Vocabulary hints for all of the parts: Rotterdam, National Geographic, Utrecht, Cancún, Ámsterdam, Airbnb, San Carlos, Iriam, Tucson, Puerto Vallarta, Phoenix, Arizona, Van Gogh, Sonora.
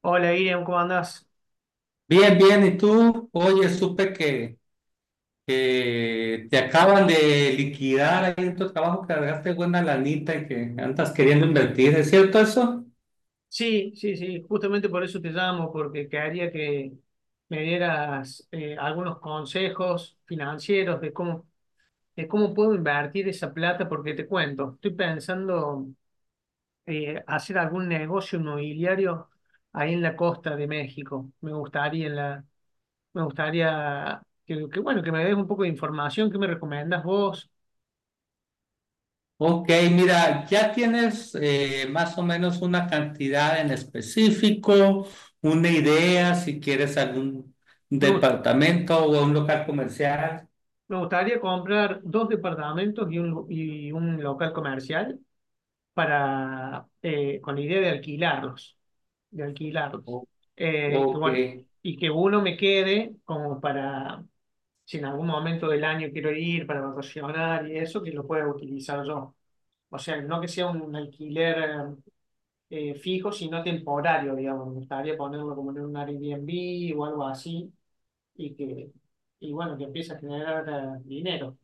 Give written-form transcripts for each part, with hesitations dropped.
Hola, Iriam, ¿cómo andás? Bien, bien, ¿y tú? Oye, supe que te acaban de liquidar ahí en tu trabajo, que cargaste buena lanita y que andas queriendo invertir, ¿es cierto eso? Sí, sí, sí, justamente por eso te llamo, porque quería que me dieras algunos consejos financieros de cómo puedo invertir esa plata, porque te cuento, estoy pensando hacer algún negocio inmobiliario ahí en la costa de México. Me gustaría que, bueno, que me des un poco de información. ¿Qué me recomendás vos? Ok, mira, ¿ya tienes más o menos una cantidad en específico, una idea, si quieres algún Me gusta. departamento o un local comercial? Me gustaría comprar dos departamentos y y un local comercial para, con la idea de alquilarlos. O- Y que Ok. bueno, y que uno me quede como para, si en algún momento del año quiero ir para vacacionar y eso, que lo pueda utilizar yo. O sea, no que sea un alquiler fijo, sino temporario, digamos. Me gustaría ponerlo como en un Airbnb o algo así y y bueno, que empiece a generar dinero.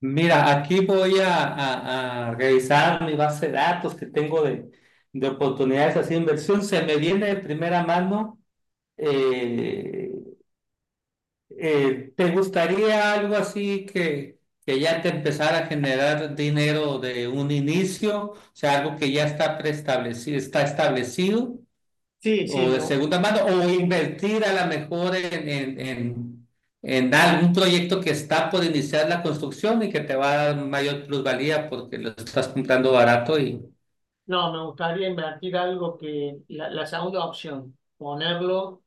Mira, aquí voy a revisar mi base de datos que tengo de oportunidades así de inversión. Se me viene de primera mano. eh, ¿Te gustaría algo así que ya te empezara a generar dinero de un inicio? O sea, algo que ya está preestablecido, está establecido Sí, sí, o de segunda mano o invertir a lo mejor en algún proyecto que está por iniciar la construcción y que te va a dar mayor plusvalía porque lo estás comprando barato y no, me gustaría invertir algo que, la segunda opción,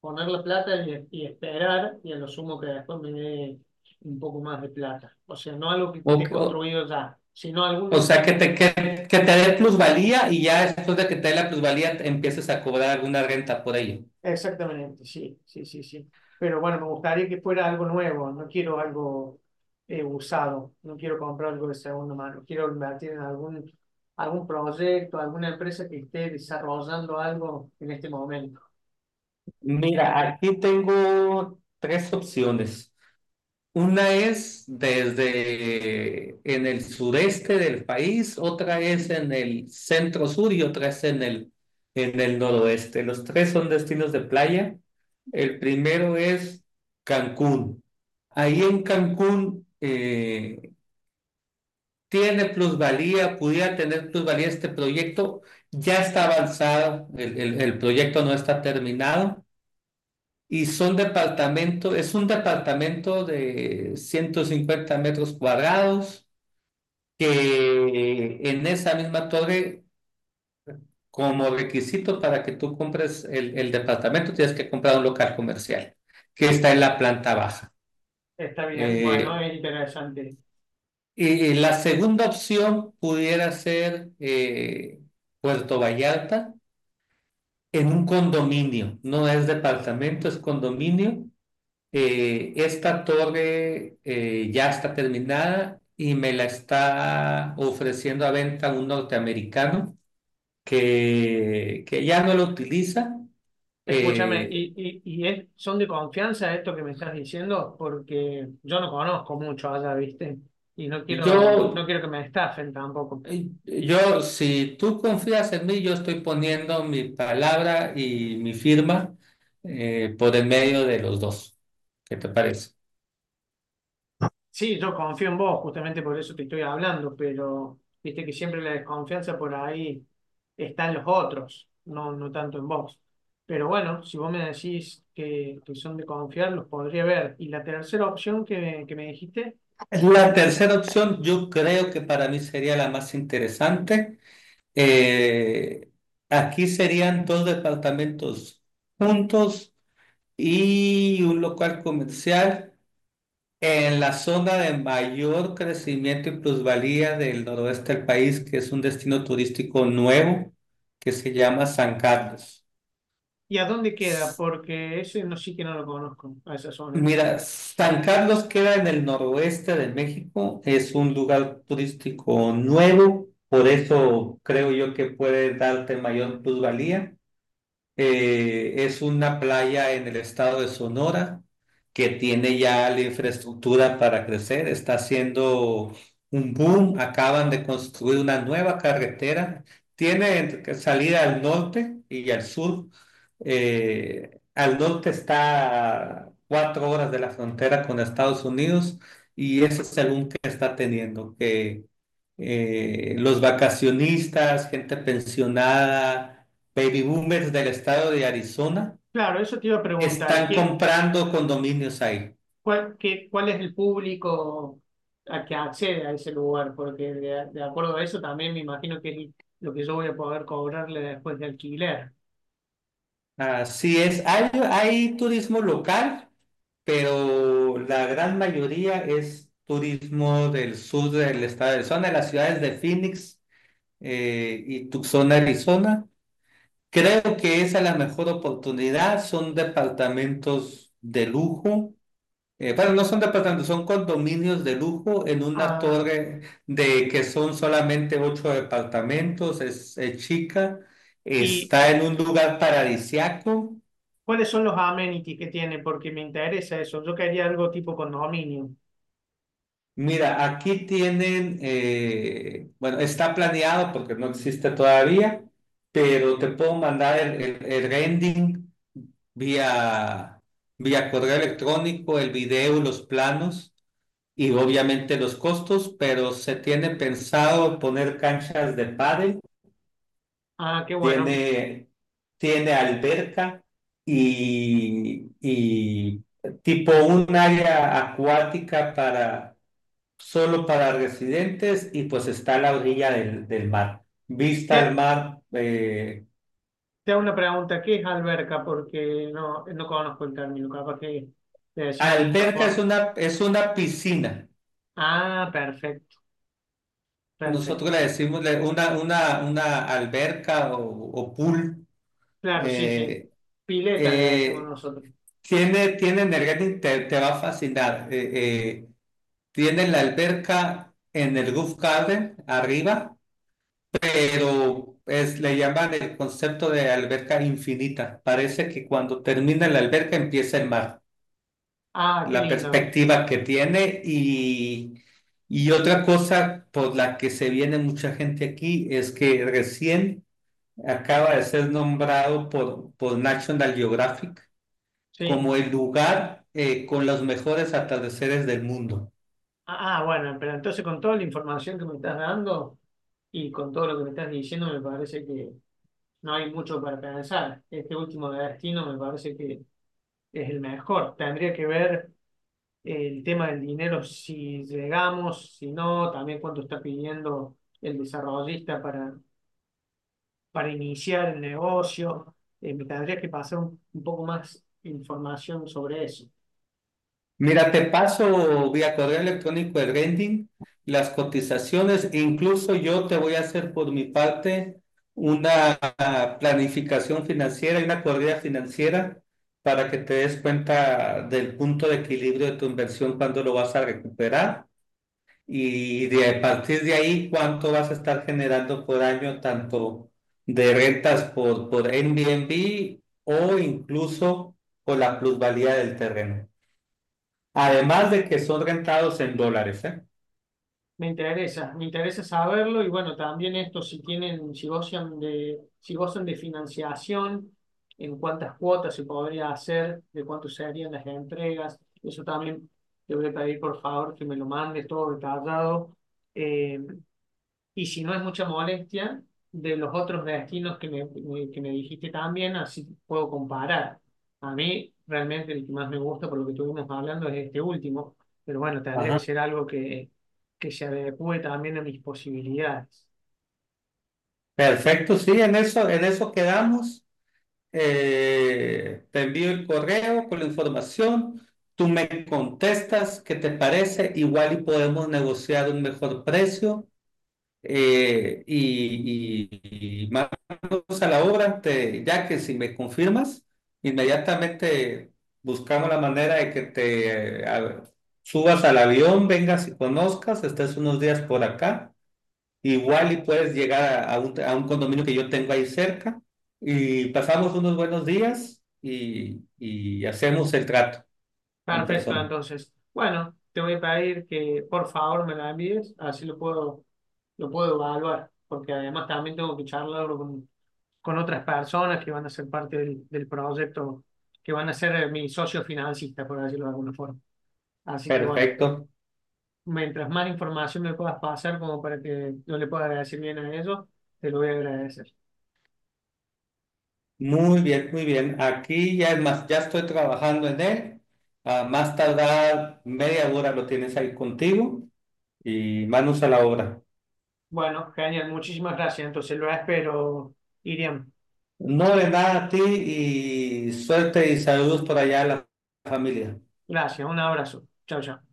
poner la plata y esperar y a lo sumo que después me dé un poco más de plata. O sea, no algo que o, esté o, construido ya, sino o algún. sea que te dé plusvalía y ya después de que te dé la plusvalía empieces a cobrar alguna renta por ello. Exactamente, sí, sí, sí, sí. Pero bueno, me gustaría que fuera algo nuevo, no quiero algo usado, no quiero comprar algo de segunda mano, quiero invertir en algún proyecto, alguna empresa que esté desarrollando algo en este momento. Mira, aquí tengo tres opciones. Una es desde en el sureste del país, otra es en el centro sur y otra es en el noroeste. Los tres son destinos de playa. El primero es Cancún. Ahí en Cancún tiene plusvalía, pudiera tener plusvalía este proyecto. Ya está avanzado, el proyecto no está terminado y son departamento, es un departamento de 150 metros cuadrados que en esa misma torre, como requisito para que tú compres el departamento, tienes que comprar un local comercial que está en la planta baja. Está bien, bueno, Eh, es interesante. y la segunda opción pudiera ser Puerto Vallarta en un condominio, no es departamento, es condominio. Esta torre ya está terminada y me la está ofreciendo a venta un norteamericano que ya no lo utiliza. Escúchame, Eh, ¿y, son de confianza esto que me estás diciendo? Porque yo no conozco mucho allá, ¿viste? Y no quiero, no yo, quiero que me estafen tampoco. yo, si tú confías en mí, yo estoy poniendo mi palabra y mi firma por el medio de los dos. ¿Qué te parece? Sí, yo confío en vos, justamente por eso te estoy hablando, pero viste que siempre la desconfianza por ahí está en los otros, no, no tanto en vos. Pero bueno, si vos me decís que son de confiar, los podría ver. Y la tercera opción que me dijiste. La tercera opción yo creo que para mí sería la más interesante. Eh, Aquí serían dos departamentos juntos y un local comercial en la zona de mayor crecimiento y plusvalía del noroeste del país, que es un destino turístico nuevo que se llama San Carlos. ¿Y a dónde queda? S- Porque ese no, sí que no lo conozco, a esa zona. Mira, San Carlos queda en el noroeste de México, es un lugar turístico nuevo, por eso creo yo que puede darte mayor plusvalía. Es una playa en el estado de Sonora que tiene ya la infraestructura para crecer, está haciendo un boom, acaban de construir una nueva carretera, tiene salida al norte y al sur. Al norte está a cuatro horas de la frontera con Estados Unidos y ese es el boom que está teniendo, que los vacacionistas, gente pensionada, baby boomers del estado de Arizona Claro, eso te iba a preguntar. están comprando condominios ahí. ¿Cuál, cuál es el público a que accede a ese lugar? Porque de acuerdo a eso también me imagino que es lo que yo voy a poder cobrarle después de alquiler. Así es, hay turismo local, pero la gran mayoría es turismo del sur del estado de Arizona, de las ciudades de Phoenix y Tucson, Arizona. Creo que esa es la mejor oportunidad, son departamentos de lujo. Bueno, no son departamentos, son condominios de lujo en una Ah, torre de que son solamente ocho departamentos, es chica, ¿y está en un lugar paradisiaco. cuáles son los amenities que tiene? Porque me interesa eso. Yo quería algo tipo condominio. Mira, aquí tienen, bueno, está planeado porque no existe todavía, pero te puedo mandar el rendering vía, vía correo electrónico, el video, los planos. Y obviamente los costos, pero se tiene pensado poner canchas de pádel, Ah, qué bueno. tiene, tiene alberca y tipo un área acuática para solo para residentes y pues está a la orilla del mar. Vista al Te, mar. Te hago una pregunta. ¿Qué es alberca? Porque no, no conozco el término. Capaz que le decimos de otra Alberca forma. Es una piscina. Ah, perfecto, Nosotros perfecto. Una, una alberca o pool. Claro, sí, sí. eh, Pileta le decimos eh, nosotros. Tiene, tiene Energetic, te va a fascinar. Tiene la alberca en el roof garden arriba, pero es, le llaman el concepto de alberca infinita. Parece que cuando termina la alberca empieza el mar, Ah, qué la lindo. perspectiva que tiene. Y y otra cosa por la que se viene mucha gente aquí es que recién acaba de ser nombrado por National Geographic Sí. como el lugar con los mejores atardeceres del mundo. Ah, ah, bueno, pero entonces con toda la información que me estás dando y con todo lo que me estás diciendo, me parece que no hay mucho para pensar. Este último destino me parece que es el mejor. Tendría que ver el tema del dinero, si llegamos, si no, también cuánto está pidiendo el desarrollista para iniciar el negocio. Me tendría que pasar un poco más información sobre eso. Mira, te paso vía correo electrónico el rending, las cotizaciones, e incluso yo te voy a hacer por mi parte una planificación financiera y una corrida financiera para que te des cuenta del punto de equilibrio de tu inversión, cuando lo vas a recuperar. Y de a partir de ahí, ¿cuánto vas a estar generando por año, tanto de rentas por Airbnb o incluso por la plusvalía del terreno? Además de que son rentados en dólares, ¿eh? Me interesa saberlo y bueno, también esto si tienen, si gozan de financiación, en cuántas cuotas se podría hacer, de cuánto serían las entregas. Eso también te voy a pedir por favor que me lo mandes todo detallado. Eh, y si no es mucha molestia, de los otros destinos que que me dijiste también, así puedo comparar. A mí realmente el que más me gusta por lo que estuvimos hablando es este último, pero bueno, tendría que Ajá. ser algo que se adecue también a mis posibilidades. Perfecto, sí, en eso quedamos. Te envío el correo con la información. Tú me contestas qué te parece. Igual y podemos negociar un mejor precio. Y más a la obra, te, ya que si me confirmas, inmediatamente buscamos la manera de que te subas al avión, vengas y conozcas, estés unos días por acá, igual y puedes llegar a, a un condominio que yo tengo ahí cerca y pasamos unos buenos días y hacemos el trato en Perfecto, persona. entonces. Bueno, te voy a pedir que por favor me la envíes, así lo puedo evaluar, porque además también tengo que charlarlo con otras personas que van a ser parte del proyecto, que van a ser mis socios financistas, por decirlo de alguna forma. Así que bueno, Perfecto. mientras más información me puedas pasar como para que yo le pueda decir bien a ellos, te lo voy a agradecer. Muy bien, muy bien. Aquí ya es más, ya estoy trabajando en él. A más tardar media hora lo tienes ahí contigo y manos a la obra. Bueno, genial, muchísimas gracias. Entonces lo espero, Iriam. No, de nada a ti, y suerte y saludos por allá a la familia. Gracias, un abrazo. Chao, chao.